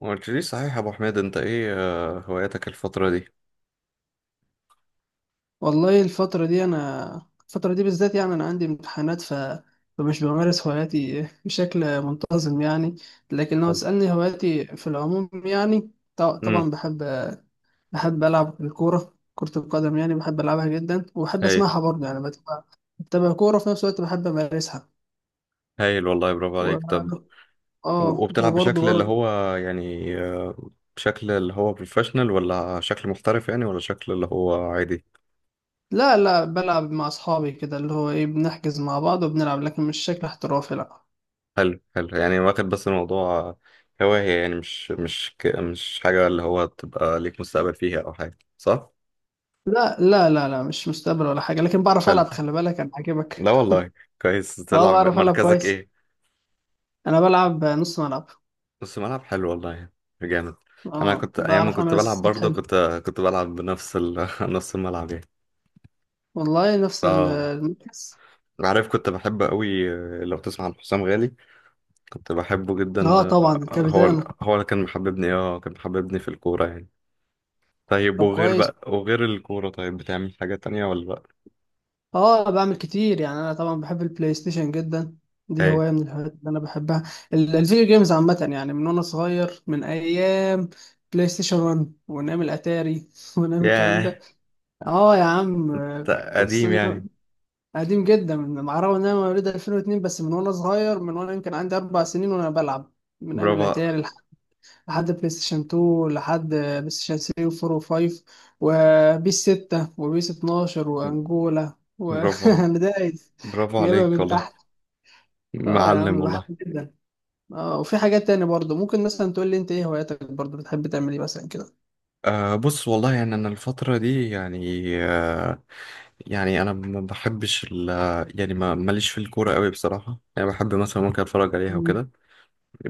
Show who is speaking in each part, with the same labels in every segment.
Speaker 1: ما قلتليش صحيح يا ابو حميد، انت ايه هواياتك الفترة دي؟
Speaker 2: والله الفترة دي بالذات يعني، أنا عندي امتحانات. ف... فمش بمارس هواياتي بشكل منتظم يعني. لكن لو
Speaker 1: حلو.
Speaker 2: تسألني هواياتي في العموم يعني، ط-
Speaker 1: امم
Speaker 2: طبعا بحب ألعب الكورة، كرة القدم يعني، بحب ألعبها جدا، وبحب
Speaker 1: هايل.
Speaker 2: أسمعها برضه يعني. بتابع كورة، في نفس الوقت بحب أمارسها
Speaker 1: هايل والله، برافو
Speaker 2: و...
Speaker 1: عليك. طب
Speaker 2: آه
Speaker 1: وبتلعب
Speaker 2: وبرضه
Speaker 1: بشكل اللي
Speaker 2: برضه
Speaker 1: هو يعني، بشكل اللي هو بروفيشنال ولا شكل محترف يعني، ولا شكل اللي هو عادي؟
Speaker 2: لا لا، بلعب مع أصحابي، كده اللي هو إيه، بنحجز مع بعض وبنلعب، لكن مش شكل احترافي. لا
Speaker 1: حلو حلو، يعني واخد بس الموضوع هواية يعني، مش مش حاجة اللي هو تبقى ليك مستقبل فيها او حاجة، صح؟
Speaker 2: لا لا لا لا، مش مستقبل ولا حاجة، لكن بعرف
Speaker 1: حلو.
Speaker 2: ألعب، خلي بالك أنا عاجبك.
Speaker 1: لا والله. كويس.
Speaker 2: اه
Speaker 1: تلعب
Speaker 2: بعرف ألعب
Speaker 1: مركزك
Speaker 2: كويس،
Speaker 1: ايه؟
Speaker 2: أنا بلعب نص ملعب.
Speaker 1: بس ملعب، حلو والله. جامد. انا
Speaker 2: اه
Speaker 1: كنت ايام ما
Speaker 2: بعرف
Speaker 1: كنت
Speaker 2: أعمل
Speaker 1: بلعب
Speaker 2: أسيستات
Speaker 1: برضه،
Speaker 2: حلو،
Speaker 1: كنت بلعب بنفس نفس الملعب يعني.
Speaker 2: والله نفس ال-
Speaker 1: اه،
Speaker 2: المركز
Speaker 1: عارف كنت بحب قوي. لو تسمع عن حسام غالي، كنت بحبه جدا.
Speaker 2: اه طبعا
Speaker 1: هو
Speaker 2: الكابيتانو.
Speaker 1: هو اللي كان محببني، اه كان محببني في الكورة يعني. طيب
Speaker 2: طب
Speaker 1: وغير
Speaker 2: كويس.
Speaker 1: بقى، وغير الكورة طيب بتعمل حاجة تانية ولا بقى؟
Speaker 2: اه بعمل كتير يعني، أنا طبعا بحب البلاي ستيشن جدا، دي
Speaker 1: هاي.
Speaker 2: هواية من الهوايات اللي أنا بحبها، الفيديو جيمز عامة يعني، من وأنا صغير، من أيام بلاي ستيشن 1 وأيام الأتاري وأيام الكلام
Speaker 1: ياه،
Speaker 2: ده. اه يا عم.
Speaker 1: ده
Speaker 2: بص،
Speaker 1: قديم يعني.
Speaker 2: قديم جدا، مع الرغم ان انا مواليد 2002، بس من وانا صغير، من وانا يمكن عندي 4 سنين وانا بلعب، من ايام
Speaker 1: برافو.
Speaker 2: الاتاري لحد بلاي ستيشن 2، لحد بلاي ستيشن 3 و4 و5، وبيس 6 وبيس 12 وانجولا،
Speaker 1: برافو،
Speaker 2: وانا دايس
Speaker 1: برافو
Speaker 2: جايبها
Speaker 1: عليك
Speaker 2: من
Speaker 1: والله.
Speaker 2: تحت. اه يا
Speaker 1: معلم
Speaker 2: عم، بحب
Speaker 1: والله.
Speaker 2: جدا. اه، وفي حاجات تانية برضه، ممكن مثلا تقول لي انت ايه هواياتك برضه، بتحب تعمل ايه مثلا كده؟
Speaker 1: أه بص والله يعني، أنا الفترة دي يعني يعني انا ما بحبش ال، يعني ما ماليش في الكوره قوي بصراحه، يعني بحب مثلا ممكن اتفرج عليها
Speaker 2: مم.
Speaker 1: وكده.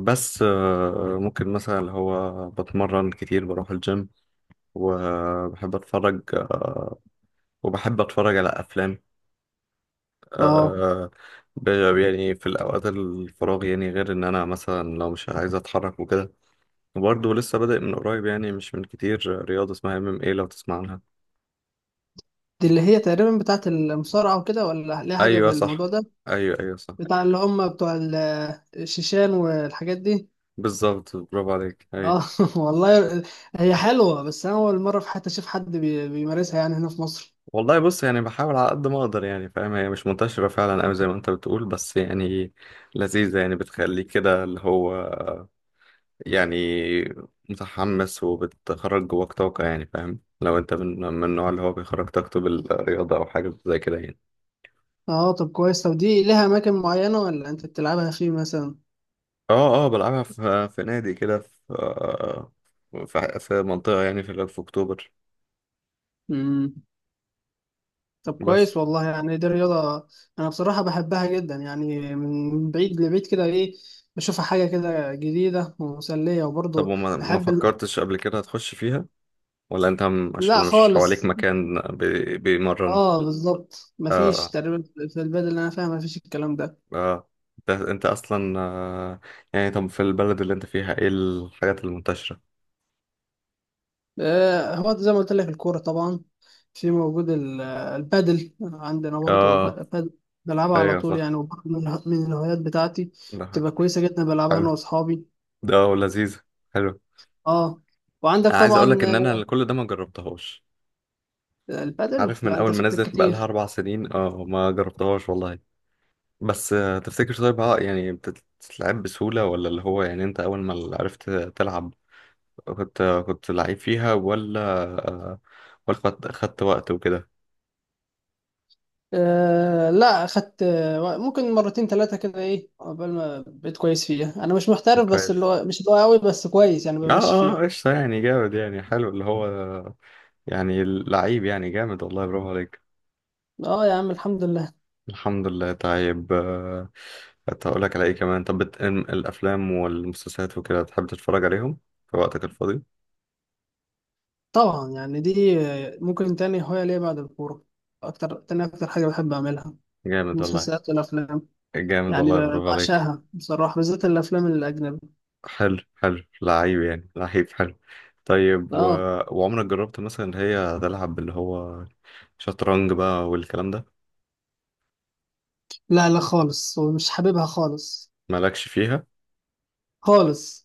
Speaker 1: بس ممكن مثلا اللي هو بتمرن كتير، بروح الجيم. وبحب اتفرج، وبحب اتفرج على افلام،
Speaker 2: اه
Speaker 1: آه، ب- يعني في الاوقات الفراغ يعني، غير ان انا مثلا لو مش عايز اتحرك وكده. وبرضه لسه بادئ من قريب، يعني مش من كتير، رياضه اسمها ام ام ايه، لو تسمع عنها.
Speaker 2: دي اللي هي تقريبا بتاعت المصارعة وكده، ولا ليها حاجة
Speaker 1: ايوه
Speaker 2: بالموضوع
Speaker 1: صح.
Speaker 2: ده؟
Speaker 1: ايوه ايوه صح.
Speaker 2: بتاع اللي هم بتوع الشيشان والحاجات دي.
Speaker 1: بالظبط، برافو عليك، ايوه.
Speaker 2: اه والله، هي حلوة، بس أنا أول مرة في حياتي أشوف حد بيمارسها يعني هنا في مصر.
Speaker 1: والله بص، يعني بحاول على قد ما اقدر يعني، فاهم؟ هي مش منتشرة فعلا قوي زي ما انت بتقول، بس يعني لذيذة يعني، بتخليك كده اللي هو يعني متحمس، وبتخرج جواك طاقة يعني، فاهم؟ لو انت من النوع اللي هو بيخرج طاقته بالرياضة او حاجة زي كده يعني.
Speaker 2: اه طب كويس. طب دي لها أماكن معينة ولا أنت بتلعبها فيه مثلا؟
Speaker 1: اه، اه بلعبها في نادي كده، في في منطقة يعني، في اكتوبر.
Speaker 2: مم. طب
Speaker 1: بس.
Speaker 2: كويس والله، يعني دي رياضة أنا بصراحة بحبها جدا، يعني من بعيد لبعيد كده إيه، بشوفها حاجة كده جديدة ومسلية
Speaker 1: طب
Speaker 2: وبرضه
Speaker 1: وما ما
Speaker 2: بحب ال...
Speaker 1: فكرتش قبل كده تخش فيها، ولا انت عشان
Speaker 2: لا
Speaker 1: مش حواليك
Speaker 2: خالص.
Speaker 1: مكان بيمرن؟
Speaker 2: اه بالظبط، مفيش
Speaker 1: اه.
Speaker 2: تقريبا، في البلد اللي أنا فيها مفيش الكلام ده.
Speaker 1: اه، انت انت اصلا يعني طب في البلد اللي انت فيها ايه الحاجات المنتشرة؟
Speaker 2: هو زي ما قلت لك، الكورة طبعا، في موجود البادل عندنا برضه،
Speaker 1: اه.
Speaker 2: بادل بلعبها على
Speaker 1: ايوه
Speaker 2: طول
Speaker 1: صح.
Speaker 2: يعني، وبرضه من الهوايات بتاعتي،
Speaker 1: ده
Speaker 2: بتبقى كويسة جدا، بلعبها
Speaker 1: حلو.
Speaker 2: أنا وأصحابي.
Speaker 1: ده ولذيذ. حلو.
Speaker 2: اه وعندك
Speaker 1: عايز
Speaker 2: طبعا،
Speaker 1: اقول لك ان انا كل ده ما جربتهاش.
Speaker 2: البادل
Speaker 1: عارف من
Speaker 2: لا، أنت
Speaker 1: اول ما
Speaker 2: فاتك
Speaker 1: نزلت بقى لها
Speaker 2: كتير.
Speaker 1: اربع سنين، اه ما جربتهاش والله. بس تفتكر طيب ها، يعني بتتلعب بسهولة، ولا اللي هو يعني انت اول ما عرفت تلعب كنت كنت لعيب فيها، ولا آه، ولا خدت وقت وكده؟
Speaker 2: لا، أخدت ممكن مرتين ثلاثة كده إيه قبل ما بقيت كويس فيها. أنا مش محترف بس، اللي
Speaker 1: كويس.
Speaker 2: هو مش اللي هو قوي، بس كويس يعني،
Speaker 1: اه،
Speaker 2: بمشي
Speaker 1: اه
Speaker 2: فيها.
Speaker 1: قشطة، يعني جامد، يعني حلو اللي هو يعني لعيب يعني، جامد والله، برافو عليك.
Speaker 2: اه يا عم، الحمد لله.
Speaker 1: الحمد لله. طيب كنت هقول لك على ايه كمان؟ طب الافلام والمسلسلات وكده، تحب تتفرج عليهم في وقتك الفاضي؟
Speaker 2: طبعا، يعني دي ممكن تاني هواية ليا بعد الكورة، أكتر تاني أكتر حاجة بحب أعملها،
Speaker 1: جامد والله.
Speaker 2: المسلسلات والأفلام،
Speaker 1: جامد
Speaker 2: يعني
Speaker 1: والله،
Speaker 2: ب-
Speaker 1: برافو عليك.
Speaker 2: بعشقها بصراحة، بالذات الأفلام الأجنبي.
Speaker 1: حلو حلو، لعيب يعني، لعيب، حلو. طيب
Speaker 2: آه
Speaker 1: وعمرك جربت مثلا اللي هي تلعب اللي هو شطرنج بقى والكلام ده؟
Speaker 2: لا لا خالص، ومش حاببها خالص،
Speaker 1: مالكش فيها؟
Speaker 2: خالص.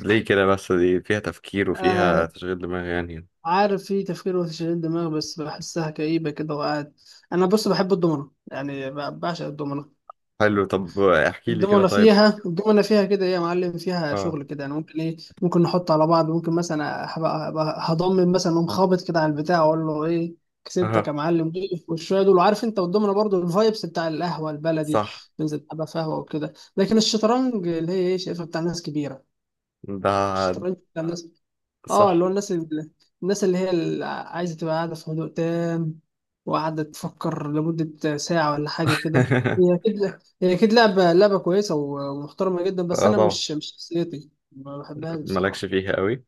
Speaker 1: ليه كده بس؟ دي فيها تفكير وفيها
Speaker 2: آه
Speaker 1: تشغيل دماغ يعني.
Speaker 2: عارف، في تفكير وتشغيل دماغ، بس بحسها كئيبة كده، وقاعد. أنا بص، بحب الدومنة يعني، بعشق الدومنة.
Speaker 1: حلو، طب احكي لي كده
Speaker 2: الدومنة
Speaker 1: طيب.
Speaker 2: فيها الدومنة فيها كده ايه يا معلم، فيها
Speaker 1: اه.
Speaker 2: شغل كده يعني، ممكن ايه، ممكن نحط على بعض، ممكن مثلا هبقى هضمن، مثلا اقوم خابط كده على البتاع، اقول له ايه، كسبتك يا
Speaker 1: اه،
Speaker 2: معلم، والشويه دول. وعارف انت، والدومنة برضو الفايبس بتاع القهوة البلدي،
Speaker 1: صح.
Speaker 2: بنزل ابقى قهوة وكده. لكن الشطرنج اللي هي ايه، شايفها بتاع ناس كبيرة،
Speaker 1: ده
Speaker 2: الشطرنج بتاع ناس. اه اللي هو
Speaker 1: صح.
Speaker 2: الناس اللي هي اللي عايزه تبقى قاعده في هدوء تام، وقاعده تفكر لمده ساعه ولا حاجه كده. هي اكيد هي اكيد لعبه كويسه ومحترمه جدا، بس
Speaker 1: اه
Speaker 2: انا
Speaker 1: طبعا.
Speaker 2: مش شخصيتي، ما بحبهاش
Speaker 1: مالكش
Speaker 2: بصراحه.
Speaker 1: فيها قوي.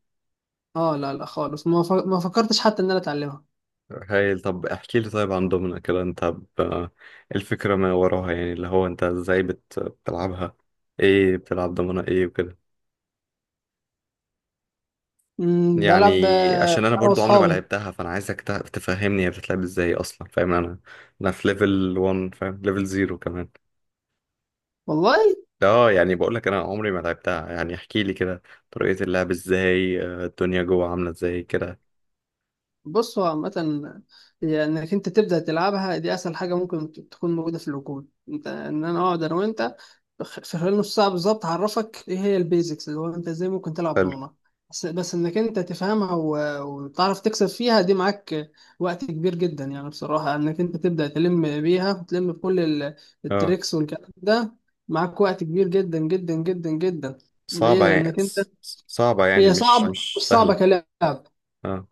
Speaker 2: اه لا لا خالص، ما فكرتش حتى ان انا اتعلمها.
Speaker 1: هايل. طب احكي لي طيب عن دومنا كده، انت الفكرة ما وراها يعني، اللي هو انت ازاي بتلعبها؟ ايه؟ بتلعب دومنا ايه وكده
Speaker 2: بلعب
Speaker 1: يعني؟ عشان انا
Speaker 2: انا
Speaker 1: برضو عمري ما
Speaker 2: واصحابي.
Speaker 1: لعبتها، فانا عايزك تفهمني هي بتتلعب ازاي اصلا. فاهم؟ انا انا في ليفل 1، فاهم؟ ليفل 0 كمان.
Speaker 2: والله
Speaker 1: اه، يعني بقول لك انا عمري ما لعبتها يعني. احكي لي كده طريقة اللعب ازاي، الدنيا جوه عاملة ازاي كده.
Speaker 2: بص، هو عامة، هي انك انت تبدأ تلعبها، دي اسهل حاجة ممكن تكون موجودة في الوجود، انت ان انا اقعد انا وانت، في خلال نص ساعة بالظبط هعرفك ايه هي البيزكس، اللي هو انت ازاي ممكن تلعب
Speaker 1: حلو.
Speaker 2: دومنة. بس انك انت تفهمها وتعرف تكسب فيها، دي معاك وقت كبير جدا يعني بصراحة، انك انت تبدأ تلم بيها، وتلم بكل ال-
Speaker 1: اه،
Speaker 2: التريكس والكلام ده، معاك وقت كبير جدا جدا جدا جدا. ليه؟
Speaker 1: صعبة يعني
Speaker 2: لانك انت،
Speaker 1: صعبة يعني،
Speaker 2: هي
Speaker 1: مش
Speaker 2: صعبة، مش
Speaker 1: مش
Speaker 2: صعبة
Speaker 1: سهلة.
Speaker 2: كلاعب،
Speaker 1: اه.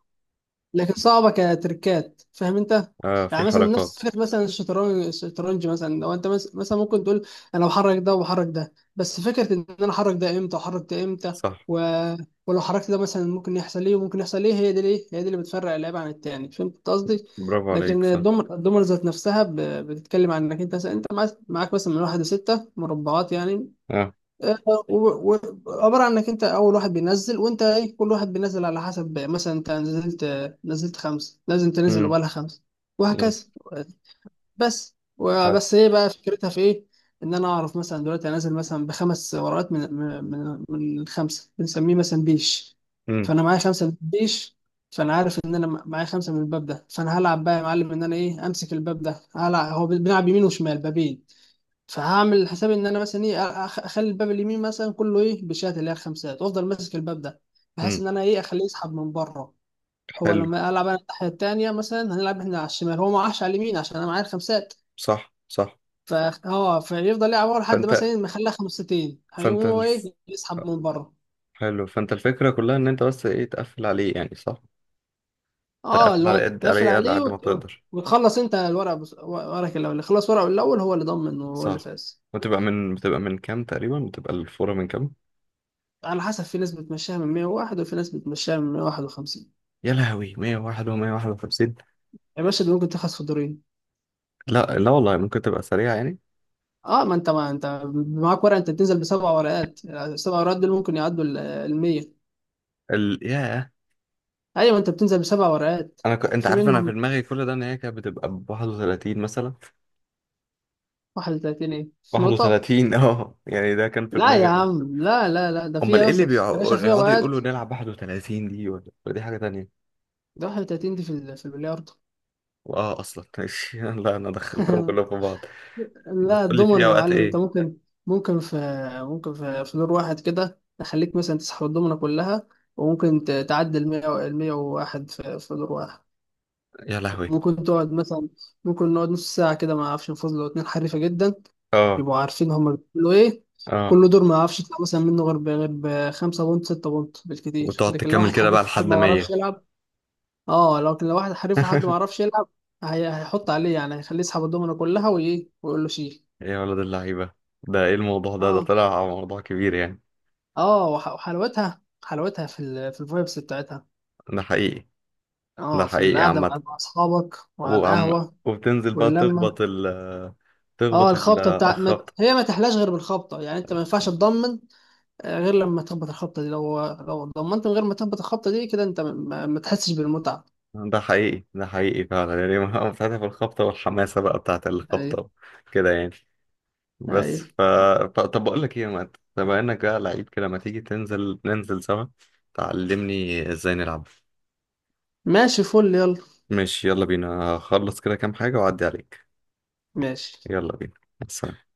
Speaker 2: لكن صعبه كتركات، فاهم انت؟
Speaker 1: اه، في
Speaker 2: يعني مثلا نفس
Speaker 1: حركات.
Speaker 2: فكره مثلا الشطرنج مثلا، لو انت مثلا ممكن تقول انا بحرك ده وبحرك ده، بس فكره ان انا احرك ده امتى واحرك ده امتى،
Speaker 1: صح.
Speaker 2: و... ولو حركت ده مثلا ممكن يحصل ايه وممكن يحصل ايه، هي دي، ليه هي دي اللي بتفرق اللعيب عن التاني، فهمت قصدي؟
Speaker 1: برافو عليك،
Speaker 2: لكن
Speaker 1: صح.
Speaker 2: الدومر ذات نفسها بتتكلم عن انك انت مثلا، انت معاك مثلا من واحد لستة مربعات يعني.
Speaker 1: اه.
Speaker 2: آه، و- و- عبارة عن انك انت اول واحد بينزل، وانت ايه كل واحد بينزل على حسب، مثلا انت نزلت خمسة لازم تنزل
Speaker 1: امم.
Speaker 2: وبقالها خمسة،
Speaker 1: امم.
Speaker 2: وهكذا. بس،
Speaker 1: حلو.
Speaker 2: وبس ايه بقى فكرتها في ايه؟ ان انا اعرف مثلا دلوقتي انزل مثلا بخمس ورقات، من الخمسة بنسميه مثلا بيش،
Speaker 1: امم.
Speaker 2: فانا معايا خمسة من البيش، فانا عارف ان انا معايا خمسة من الباب ده، فانا هلعب بقى يا معلم ان انا ايه امسك الباب ده، هلعب، هو بنلعب يمين وشمال بابين، فهعمل حسابي ان انا مثلا ايه، اخلي الباب اليمين مثلا كله ايه بشات اللي هي الخمسات، وافضل ماسك الباب ده، بحيث
Speaker 1: امم.
Speaker 2: ان انا ايه اخليه يسحب من بره. هو
Speaker 1: حلو.
Speaker 2: لما العب انا الناحيه التانيه مثلا، هنلعب احنا على الشمال، هو ما راحش على اليمين عشان انا معايا الخمسات،
Speaker 1: صح صح.
Speaker 2: ف اه فيفضل يلعب ورا لحد مثلا
Speaker 1: فانت
Speaker 2: إيه ما يخليها خمستين، هيقوم
Speaker 1: فانت
Speaker 2: هو ايه يسحب من بره.
Speaker 1: حلو، فانت الفكرة كلها ان انت بس ايه، تقفل عليه يعني، صح؟ تقفل
Speaker 2: اه اللي هو
Speaker 1: على قد
Speaker 2: تقفل
Speaker 1: عليه، على
Speaker 2: عليه
Speaker 1: قد ما
Speaker 2: وت...
Speaker 1: تقدر.
Speaker 2: وتخلص انت الورق، ورقك الاول، اللي خلص ورقه الاول هو اللي ضمن وهو اللي
Speaker 1: صح.
Speaker 2: فاز.
Speaker 1: بتبقى من، بتبقى من كام تقريبا؟ بتبقى الفورة من كام؟
Speaker 2: على حسب، في ناس بتمشيها من 101، وفي ناس بتمشيها من 151.
Speaker 1: يا لهوي، 101 و151!
Speaker 2: يا باشا، ده ممكن تخلص في الدورين.
Speaker 1: لا لا والله، ممكن تبقى سريعة يعني.
Speaker 2: اه ما انت معاك ورقه، انت بتنزل بسبع ورقات، السبع ورقات دول ممكن يعدوا ال 100.
Speaker 1: ياه.
Speaker 2: ايوه، انت بتنزل بسبع ورقات،
Speaker 1: انا انت
Speaker 2: في
Speaker 1: عارف انا في
Speaker 2: منهم
Speaker 1: دماغي كل ده ان هي كانت بتبقى ب 31 مثلا.
Speaker 2: 31 ايه نقطه.
Speaker 1: 31 اه يعني ده كان في
Speaker 2: لا يا
Speaker 1: دماغي ده.
Speaker 2: عم، لا لا لا، ده
Speaker 1: امال
Speaker 2: فيها
Speaker 1: ايه
Speaker 2: بس
Speaker 1: اللي
Speaker 2: يا باشا،
Speaker 1: بيقعدوا
Speaker 2: فيها
Speaker 1: يقعدوا يقولوا
Speaker 2: ورقات.
Speaker 1: نلعب 31 دي، ولا دي حاجة تانية؟
Speaker 2: ده 31 دي في في البلياردو
Speaker 1: اه، اصلا ماشي لا انا دخلتهم كلهم في بعض.
Speaker 2: لا
Speaker 1: بتقول لي في
Speaker 2: الضمنه يا
Speaker 1: اوقات
Speaker 2: معلم، انت
Speaker 1: ايه؟
Speaker 2: ممكن في ممكن في دور واحد كده تخليك مثلا تسحب الضمنه كلها، وممكن تعدي ال 100 ال 101 في في دور واحد.
Speaker 1: يا لهوي.
Speaker 2: ممكن تقعد مثلا، ممكن نقعد نص ساعة كده ما اعرفش نفوز، لو اتنين حريفة جدا
Speaker 1: اه.
Speaker 2: يبقوا عارفين هما بيقولوا ايه،
Speaker 1: اه،
Speaker 2: كل دور ما اعرفش يطلع مثلا منه غير غير بخمسة بونت، ستة بونت، بالكتير.
Speaker 1: وتقعد
Speaker 2: لكن لو
Speaker 1: تكمل
Speaker 2: واحد
Speaker 1: كده بقى
Speaker 2: حريف حد
Speaker 1: لحد
Speaker 2: ما على بيعرفش
Speaker 1: 100؟
Speaker 2: كده يلعب، اه لكن لو واحد حريف وحد ما بيعرفش يلعب، هيحط عليه يعني، هيخليه يسحب الدومنة كلها وايه، ويقول له شيل.
Speaker 1: يا ولد اللعيبة، ده ايه الموضوع ده؟ ده
Speaker 2: اه
Speaker 1: طلع موضوع كبير يعني.
Speaker 2: اه وحلاوتها في الفايبس بتاعتها،
Speaker 1: ده حقيقي. ده
Speaker 2: اه في
Speaker 1: حقيقي
Speaker 2: القعدة مع
Speaker 1: عامة.
Speaker 2: مع اصحابك، وعلى
Speaker 1: وعم،
Speaker 2: القهوة
Speaker 1: وبتنزل بقى
Speaker 2: واللمة.
Speaker 1: تخبط ال،
Speaker 2: اه
Speaker 1: تخبط
Speaker 2: الخبطه بتاع ما...
Speaker 1: الخبطة.
Speaker 2: هي ما تحلاش غير بالخبطه يعني، انت ما ينفعش تضمن غير لما تخبط الخبطه دي، لو ضمنت من غير ما تخبط الخبطه دي كده، انت ما تحسش بالمتعه.
Speaker 1: ده حقيقي، ده حقيقي فعلا يعني، ما بتاعتها في الخبطة، والحماسة بقى بتاعت
Speaker 2: اي
Speaker 1: الخبطة كده يعني.
Speaker 2: اي
Speaker 1: بس طب بقول لك ايه يا مات، بما انك بقى لعيب كده، ما تيجي تنزل ننزل سوا، تعلمني ازاي نلعب.
Speaker 2: ماشي، فل يلا،
Speaker 1: ماشي يلا بينا. هخلص كده كام حاجة وأعدي عليك.
Speaker 2: ماشي.
Speaker 1: يلا بينا. سلام.